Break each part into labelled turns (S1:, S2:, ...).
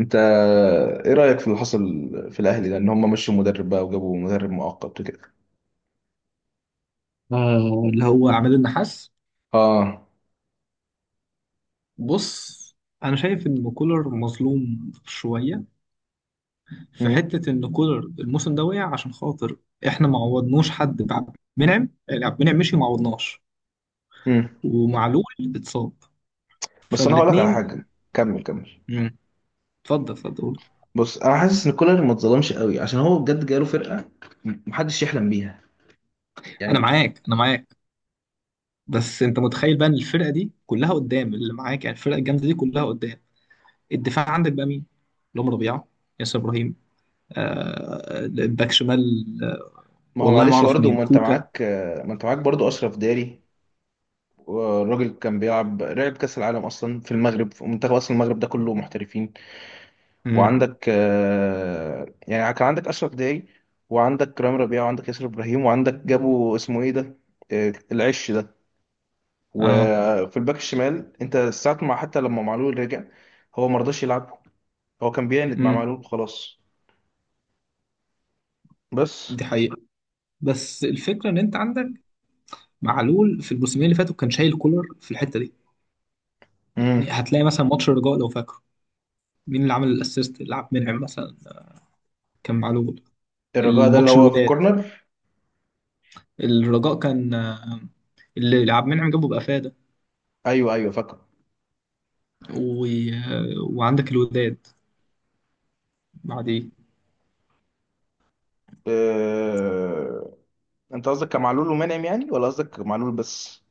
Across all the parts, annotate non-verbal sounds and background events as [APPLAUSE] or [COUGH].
S1: انت، ايه رأيك في اللي حصل في الاهلي ده؟ ان هم مشوا مدرب بقى، وجابوا مدرب مؤقت وكده.
S2: آه، اللي هو عماد النحاس.
S1: اه.
S2: بص، انا شايف ان كولر مظلوم شويه، في
S1: امم
S2: حته ان كولر الموسم ده وقع عشان خاطر احنا ما عوضناش حد بعبد منعم. يعني عبد المنعم مشي وما عوضناش،
S1: امم
S2: ومعلول اتصاب،
S1: بس انا هقول لك على
S2: فالاثنين.
S1: حاجة. كمل كمل.
S2: اتفضل اتفضل قول.
S1: بص، انا حاسس ان كولر ما اتظلمش قوي عشان هو بجد جاله فرقة محدش يحلم بيها،
S2: انا
S1: يعني.
S2: معاك انا معاك. بس انت متخيل بقى ان الفرقه دي كلها قدام اللي معاك، يعني الفرقه الجامده دي كلها قدام. الدفاع عندك بقى مين؟ اللي هم ربيعه، ياسر ابراهيم، آه الباك شمال، آه.
S1: ما هو
S2: والله ما
S1: معلش
S2: اعرف
S1: برضه،
S2: مين
S1: ما انت
S2: كوكا.
S1: معاك. ما انت معاك برضه اشرف داري. والراجل كان بيلعب، لعب كاس العالم اصلا في المغرب، في منتخب، اصلا المغرب ده كله محترفين.
S2: امم.
S1: وعندك يعني كان عندك اشرف داعي، وعندك رامي ربيعه، وعندك ياسر ابراهيم، وعندك جابوا اسمه ايه ده، العش ده.
S2: اه،
S1: وفي الباك الشمال، انت ساعة ما حتى لما معلول رجع، هو ما رضاش يلعبه. هو كان بيعند مع
S2: امم.
S1: معلول، خلاص. بس.
S2: دي حقيقة. بس الفكرة ان انت عندك معلول في الموسمين اللي فاتوا كان شايل كولر في الحتة دي.
S1: امم.
S2: يعني هتلاقي مثلا ماتش الرجاء لو فاكره، مين اللي عمل الاسيست اللي عبد المنعم مثلا؟ كان معلول.
S1: الرجاء ده اللي
S2: الماتش
S1: هو في
S2: الوداد،
S1: كورنر.
S2: الرجاء كان اللي عبد المنعم جابه بأفادة
S1: ايوه، ايوه فاكره.
S2: و... آه، وعندك الوداد بعديه.
S1: أه... انت قصدك كمعلول ومنعم يعني، ولا قصدك معلول بس؟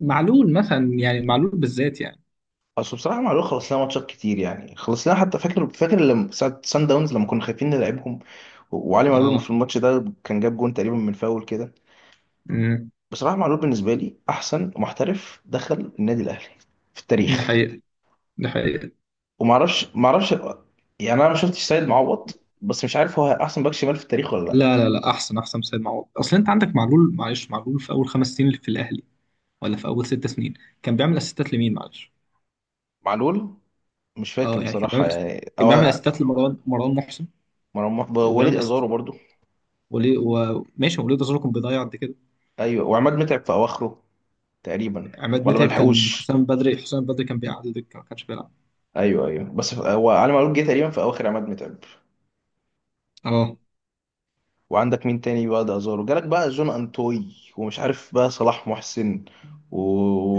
S2: معلول مثلا، يعني معلول بالذات يعني.
S1: اصل بصراحه معلول خلص لنا ماتشات كتير، يعني خلص لنا. حتى فاكر فاكر لما ساعه سان داونز لما كنا خايفين نلعبهم، وعلي معلول في
S2: اه،
S1: الماتش ده كان جاب جون تقريبا من فاول كده.
S2: امم.
S1: بصراحه معلول بالنسبه لي احسن محترف دخل النادي الاهلي في
S2: دي
S1: التاريخ.
S2: حقيقة، دي حقيقة.
S1: ومعرفش معرفش، يعني انا ما شفتش سيد معوض، بس مش عارف هو احسن باك شمال في التاريخ ولا لا.
S2: لا لا لا، احسن سيد معوض. اصل انت عندك معلول، معلش، معلول في اول 5 سنين في الاهلي، ولا في اول 6 سنين كان بيعمل اسيستات لمين، معلش؟
S1: معلول. مش فاكر
S2: اه، يعني كان
S1: بصراحه
S2: بيعمل
S1: يعني،
S2: كان
S1: او
S2: بيعمل اسيستات لمروان، مروان محسن،
S1: مرمى وليد
S2: وبيعمل اسيست
S1: ازارو برضو.
S2: وليه، وماشي وليه ده كان بيضيع قد كده.
S1: ايوه، وعماد متعب في اواخره تقريبا.
S2: عماد
S1: ولا ما
S2: متعب، كان
S1: لحقوش.
S2: حسام بدري، حسام بدري، كان بيقعد الدكه ما كانش بيلعب.
S1: ايوه، ايوه، بس هو علي معلول جه تقريبا في اواخر عماد متعب.
S2: اه،
S1: وعندك مين تاني بقى ده؟ ازارو جالك، بقى جون انتوي، ومش عارف بقى صلاح محسن و...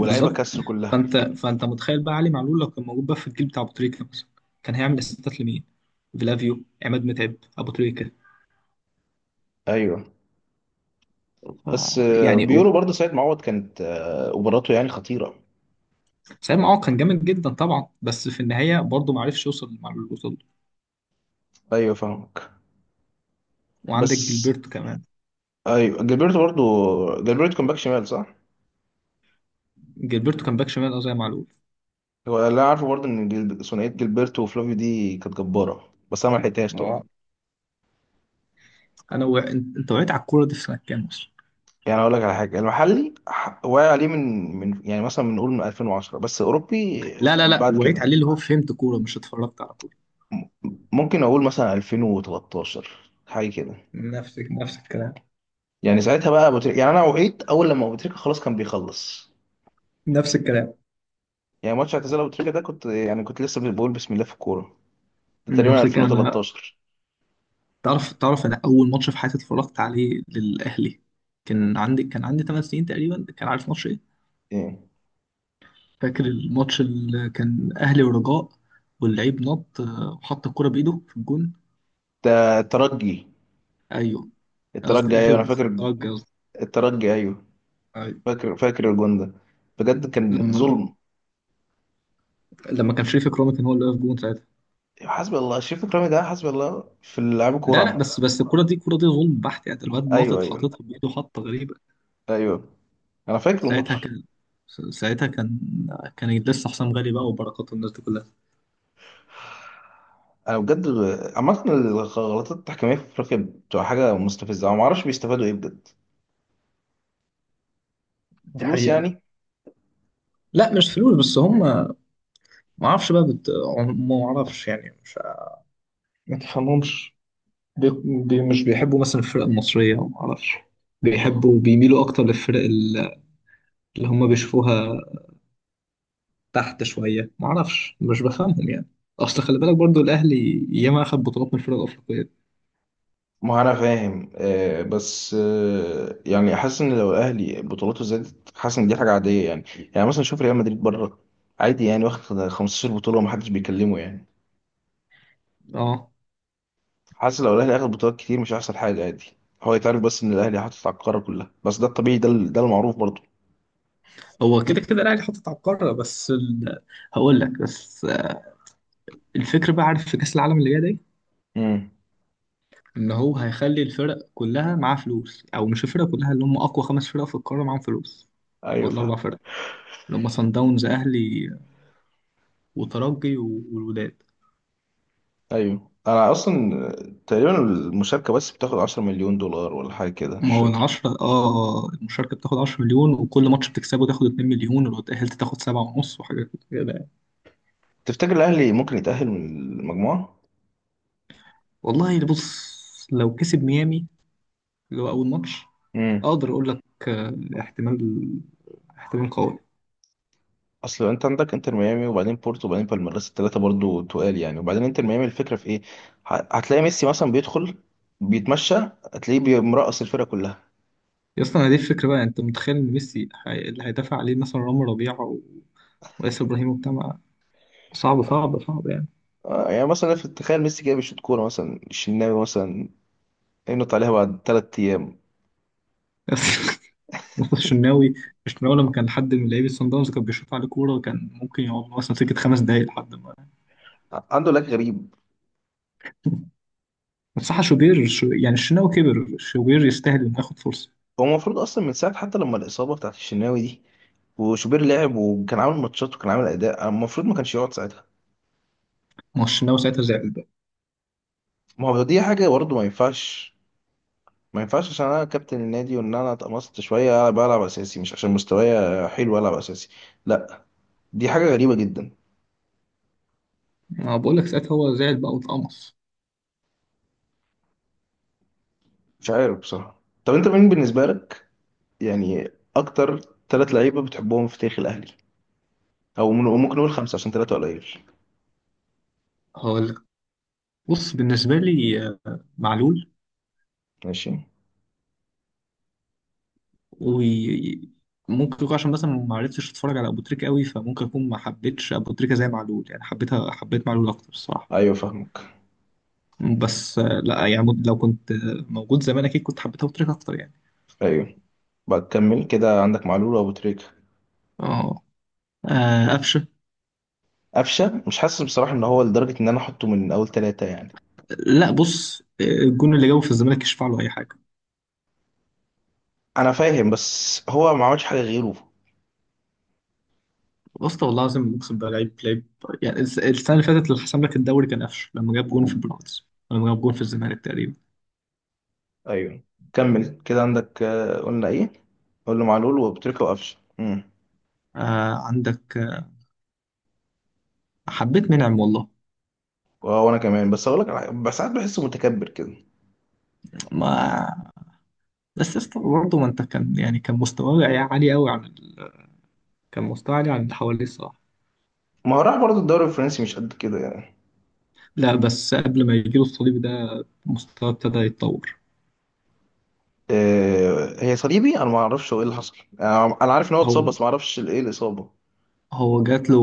S1: ولاعيبه كسر كلها.
S2: فانت متخيل بقى علي معلول لو كان موجود بقى في الجيل بتاع ابو تريكه مثلا، كان هيعمل اسيستات لمين؟ فلافيو، عماد متعب، ابو تريكه.
S1: ايوه.
S2: ف-
S1: بس
S2: يعني
S1: بيقولوا برضه سيد معوض كانت مباراته يعني خطيره.
S2: سام، اه، كان جامد جدا طبعا، بس في النهايه برضه ما عرفش يوصل للمعلول اللي وصل له.
S1: ايوه فاهمك. بس.
S2: وعندك جilberto كمان.
S1: ايوه جilberto برضه. جilberto كان باك شمال صح؟
S2: جilberto كان باك شمال، اه، زي معلول.
S1: هو اللي أنا عارفه برضه ان ثنائيه جilberto وفلافيو دي كانت جباره، بس انا ما لحقتهاش طبعا.
S2: اه، انت وعيت على الكوره دي في سنه كام اصلا؟
S1: يعني اقول لك على حاجه، المحلي واقع عليه من يعني مثلا بنقول من 2010، بس اوروبي
S2: لا لا لا،
S1: بعد
S2: وعيت
S1: كده،
S2: عليه اللي هو فهمت كوره، مش اتفرجت على كوره.
S1: م- ممكن اقول مثلا 2013 حاجه كده.
S2: نفس الكلام.
S1: يعني ساعتها بقى ابو تريكه، يعني انا وعيت اول لما ابو تريكه خلاص كان بيخلص.
S2: نفس الكلام.
S1: يعني ماتش اعتزال ابو تريكه ده، كنت يعني كنت لسه بقول بسم الله في الكوره، ده تقريبا
S2: نفس الكلام انا.
S1: 2013.
S2: تعرف، انا اول ماتش في حياتي اتفرجت عليه للاهلي كان عندي 8 سنين تقريبا، كان عارف ماتش ايه؟
S1: ايه
S2: فاكر الماتش اللي كان اهلي ورجاء، واللعيب نط، آه، وحط الكرة بايده في الجون.
S1: ده؟ الترجي.
S2: ايوه، قصدي
S1: الترجي،
S2: الاهلي
S1: ايوه انا فاكر.
S2: والترجي قصدي.
S1: الترجي، ايوه.
S2: أيوة.
S1: فاكر فاكر الجون ده، بجد كان
S2: لما
S1: ظلم.
S2: لما كان شريف اكرامي كان هو اللي واقف جون ساعتها.
S1: حسبي الله. شريف اكرامي ده حسبي الله في لعب كوره
S2: لا لا،
S1: عامه.
S2: بس الكرة دي، الكرة دي ظلم بحت يعني، الواد
S1: ايوه،
S2: ناطط
S1: ايوه.
S2: حاططها بايده، حطة غريبة.
S1: ايوه انا فاكر
S2: ساعتها
S1: الماتش.
S2: كان ساعتها كان لسه حسام غالي بقى، وبركات، والناس دي كلها.
S1: انا بجد، عامه الغلطات التحكيميه في افريقيا بتبقى حاجه مستفزه، انا ما اعرفش بيستفادوا ايه بجد.
S2: دي
S1: فلوس
S2: حقيقة.
S1: يعني.
S2: لا، مش فلوس، بس هم اعرفش بقى بت... ما اعرفش يعني، مش ما تفهمهمش. بي... مش بيحبوا مثلا الفرق المصرية، ما اعرفش. بيميلوا اكتر للفرق اللي هم بيشوفوها تحت شويه، معرفش، مش بفهمهم يعني. اصل خلي بالك برضو الاهلي ياما اخد بطولات من الفرق الافريقيه.
S1: ما انا فاهم، بس يعني حاسس ان لو الاهلي بطولاته زادت، حاسس ان دي حاجه عاديه يعني. يعني مثلا شوف ريال مدريد بره، عادي يعني واخد 15 بطوله ومحدش بيكلمه يعني.
S2: اه،
S1: حاسس لو الاهلي اخد بطولات كتير مش هيحصل حاجه، عادي. هو يتعرف بس ان الاهلي حاطط على القاره كلها، بس ده الطبيعي، ده ده المعروف برضه.
S2: هو كده كده الاهلي حاطط على القاره، هقول لك بس الفكره بقى، عارف في كاس العالم اللي جاي ده إيه؟
S1: امم.
S2: ان هو هيخلي الفرق كلها معاها فلوس، او مش الفرق كلها، اللي هم اقوى خمس فرق في القاره معاهم فلوس،
S1: ايوه
S2: ولا
S1: فاهم.
S2: اربع فرق، اللي هم صن داونز، اهلي، وترجي، والوداد.
S1: ايوه انا اصلا تقريبا المشاركه بس بتاخد 10 مليون دولار، ولا حاجه كده
S2: ما
S1: مش
S2: هو
S1: فاكر.
S2: العشرة، اه، المشاركة بتاخد 10 مليون، وكل ماتش بتكسبه تاخد 2 مليون، ولو اتأهلت تاخد 7.5 وحاجة كده.
S1: تفتكر الاهلي ممكن يتاهل من المجموعه؟
S2: والله اللي بص، لو كسب ميامي، اللي هو اول ماتش،
S1: امم.
S2: اقدر اقول لك، آه، احتمال، احتمال قوي.
S1: اصل انت عندك انتر ميامي، وبعدين بورتو، وبعدين بالميراس، الثلاثه برضو تقال يعني. وبعدين انتر ميامي، الفكره في ايه؟ هتلاقي ميسي مثلا بيدخل، بيتمشى. هتلاقيه مرقص الفرقه كلها.
S2: يا اسطى انا دي الفكره بقى، انت متخيل ان ميسي اللي هيدافع عليه مثلا رامي ربيعه وياسر ابراهيم وبتاع صعب صعب صعب يعني.
S1: يعني مثلا تخيل ميسي جاي بيشوط كوره مثلا، الشناوي مثلا ينط عليها بعد 3 ايام.
S2: [LAUGHS] مصطفى الشناوي. الشناوي لما كان حد من لعيبه صن داونز كان بيشوط عليه كوره، كان ممكن يقعد مثلا سكه 5 دقايق لحد ما...
S1: عنده لاج غريب.
S2: [LAUGHS] بس صح شوبير، شو يعني، الشناوي كبر، شوبير يستاهل انه ياخد فرصه.
S1: هو المفروض اصلا من ساعه حتى لما الاصابه بتاعت الشناوي دي، وشوبير لعب وكان عامل ماتشات وكان عامل اداء، المفروض ما كانش يقعد ساعتها.
S2: ما هو الشناوي ساعتها زعل بقى.
S1: ما هو دي حاجه برضه ما ينفعش. ما ينفعش، عشان انا كابتن النادي وان انا اتقمصت شويه بلعب اساسي مش عشان مستواي، حلو العب اساسي. لا، دي حاجه غريبه جدا.
S2: ما بقول لك، ساعتها هو زعل بقى واتقمص.
S1: مش عارف بصراحه، طب انت مين بالنسبه لك يعني؟ اكتر ثلاث لعيبه بتحبهم في تاريخ الاهلي، او ممكن نقول خمسه عشان ثلاثه قليل.
S2: هقول، بص بالنسبة لي، آه، معلول.
S1: ماشي.
S2: وممكن يكون عشان مثلا ما عرفتش اتفرج على ابو تريكة قوي، فممكن اكون ما حبيتش ابو تريكة زي معلول يعني، حبيتها، حبيت معلول اكتر الصراحة.
S1: ايوه فاهمك.
S2: بس، آه، لا يعني، لو كنت، آه، موجود زمان اكيد كنت حبيت ابو تريكة اكتر يعني.
S1: ايوه. بكمل كده عندك معلول وابو تريكه.
S2: اه، آه، قفشة.
S1: قفشه مش حاسس بصراحه ان هو لدرجه ان انا احطه من اول ثلاثه يعني.
S2: لا بص، آه، الجون اللي جابه في الزمالك يشفع له اي حاجة.
S1: انا فاهم، بس هو ما عملش حاجه غيره.
S2: بص والله العظيم اقسم بالله، لعيب، لعيب يعني. السنة اللي فاتت اللي حسم لك الدوري كان قفشة، لما جاب جون في البيراميدز، لما جاب جون في الزمالك تقريبا.
S1: ايوه. كمل كده، عندك قلنا ايه؟ قلنا معلول وبتريكة وقفشه. امم.
S2: آه، عندك، آه، حبيت منعم والله.
S1: وانا كمان، بس اقول لك على حاجة، بس ساعات بحسه متكبر كده.
S2: ما، بس يا اسطى برضه، ما انت كان يعني، عالي قوي عن ال... كان مستواه عالي عن اللي حواليه الصراحه.
S1: ما هو راح برضه الدوري الفرنسي مش قد كده يعني.
S2: لا، بس قبل ما يجيله الصليبي ده، مستواه ابتدى يتطور.
S1: هي صليبي، انا ما اعرفش هو ايه اللي حصل، انا عارف ان هو اتصاب
S2: هو
S1: بس ما اعرفش ايه الاصابه.
S2: هو جات له،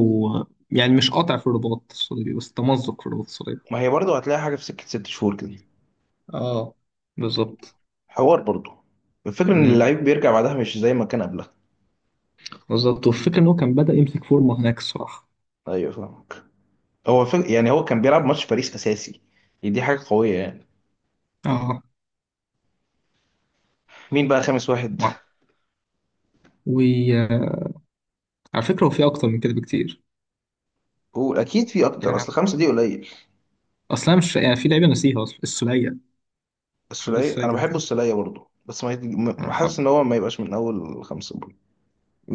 S2: يعني مش قاطع في الرباط الصليبي، بس تمزق في الرباط الصليبي.
S1: ما هي برضه هتلاقي حاجه في سكه 6 شهور كده.
S2: اه، بالظبط.
S1: حوار برضه. الفكره ان
S2: امم،
S1: اللعيب بيرجع بعدها مش زي ما كان قبلها.
S2: بالظبط. والفكره ان هو كان بدأ يمسك فورمه هناك الصراحه.
S1: ايوه فاهمك. هو يعني هو كان بيلعب ماتش باريس اساسي، دي حاجه قويه يعني.
S2: اه.
S1: مين بقى خامس واحد؟
S2: وعلى فكره هو في اكتر من كده بكتير،
S1: هو اكيد في اكتر،
S2: يعني
S1: اصل خمسة دي قليل.
S2: اصلا، مش يعني، في لعيبه نسيها اصلا، السوليه. حبيت
S1: السولية، انا
S2: السوليه
S1: بحب السولية برضو، بس ما حاسس
S2: جدا،
S1: ان هو ما يبقاش من اول خمسة برضو.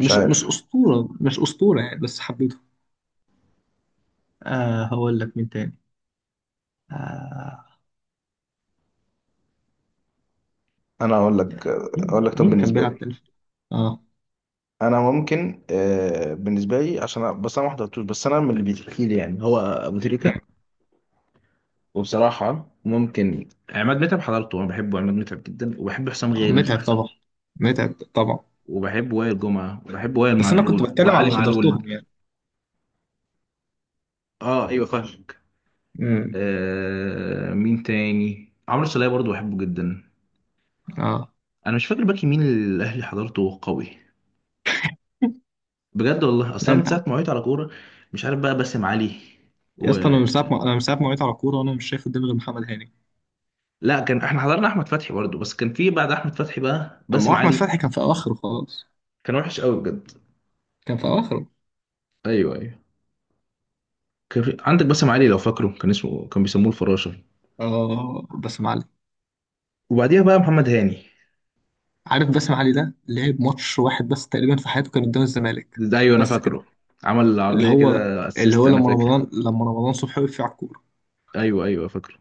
S1: مش
S2: مش
S1: عارف.
S2: أسطورة، مش أسطورة يعني، بس حبيته. آه هقول لك مين تاني. آه،
S1: انا اقول لك اقول لك طب
S2: مين كان
S1: بالنسبة
S2: بيلعب
S1: لي.
S2: تاني. اه،
S1: انا ممكن بالنسبة لي عشان بس انا ما حضرتوش، بس انا من اللي بيتحكي لي يعني، هو ابو تريكة. وبصراحة ممكن عماد متعب حضرته، انا بحبه عماد متعب جدا، وبحب حسام
S2: آه،
S1: غالي،
S2: متعب طبعا، متعب طبعا.
S1: وبحب وائل جمعة، وبحب وائل
S2: بس انا كنت
S1: معلول
S2: بتكلم على
S1: وعلي
S2: اللي
S1: معلول.
S2: حضرتهم يعني.
S1: اه، ايوه فاهم.
S2: امم.
S1: مين تاني؟ عمرو السولية برضو بحبه جدا.
S2: اه،
S1: انا مش فاكر باك يمين اللي الاهلي حضرته قوي بجد، والله،
S2: لا
S1: اصلا من
S2: انت،
S1: ساعه ما وعيت على كوره. مش عارف بقى باسم علي
S2: يا
S1: و
S2: اسطى، انا من ساعه ما وقعت على كوره، وانا مش شايف قدامي غير محمد هاني.
S1: لا. كان احنا حضرنا احمد فتحي برضو، بس كان في بعد احمد فتحي بقى
S2: اما
S1: باسم
S2: احمد
S1: علي.
S2: فتحي كان في اواخره خلاص،
S1: كان وحش قوي بجد.
S2: كان في اواخره.
S1: ايوه، ايوه. كان في. عندك باسم علي لو فاكره، كان اسمه كان بيسموه الفراشه،
S2: اه، باسم علي.
S1: وبعديها بقى محمد
S2: بس
S1: هاني.
S2: عارف باسم علي ده لعب ماتش واحد بس تقريبا في حياته، كان قدام الزمالك،
S1: ده، ايوه انا
S2: بس كده.
S1: فاكره. عمل
S2: اللي
S1: العرضيه
S2: هو
S1: كده
S2: اللي
S1: اسيست
S2: هو
S1: انا
S2: لما
S1: فاكر.
S2: رمضان، لما رمضان صبحي وقف على الكورة
S1: ايوه، ايوه فاكره.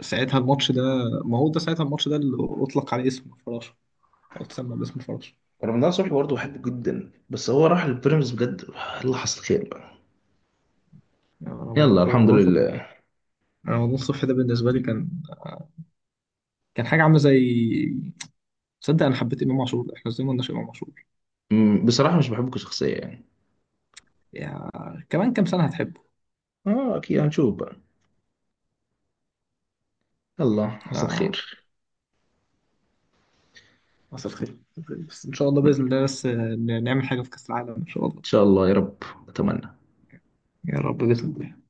S2: ساعتها، الماتش ده. ما هو ده ساعتها الماتش ده اللي أطلق عليه اسم الفراشة، أو اتسمى باسم الفراشة.
S1: رمضان صبحي برضه بحبه جدا، بس هو راح للبيراميدز بجد. الله، حصل خير بقى.
S2: يعني رمضان
S1: يلا
S2: صبحي،
S1: الحمد
S2: رمضان صبحي،
S1: لله.
S2: رمضان صبحي ده بالنسبة لي كان، كان حاجة عاملة زي... تصدق أنا حبيت إمام عاشور، إحنا إزاي ما قلناش إمام عاشور.
S1: بصراحة مش بحبه كشخصية يعني.
S2: يا، كمان كام سنة هتحبه.
S1: اه اكيد هنشوف بقى. يلا حصل
S2: آه،
S1: خير.
S2: مساء الخير. بس إن شاء الله
S1: ان
S2: بإذن الله، بس نعمل حاجة في كأس العالم إن شاء الله.
S1: شاء الله يا رب، اتمنى.
S2: يا رب بإذن الله.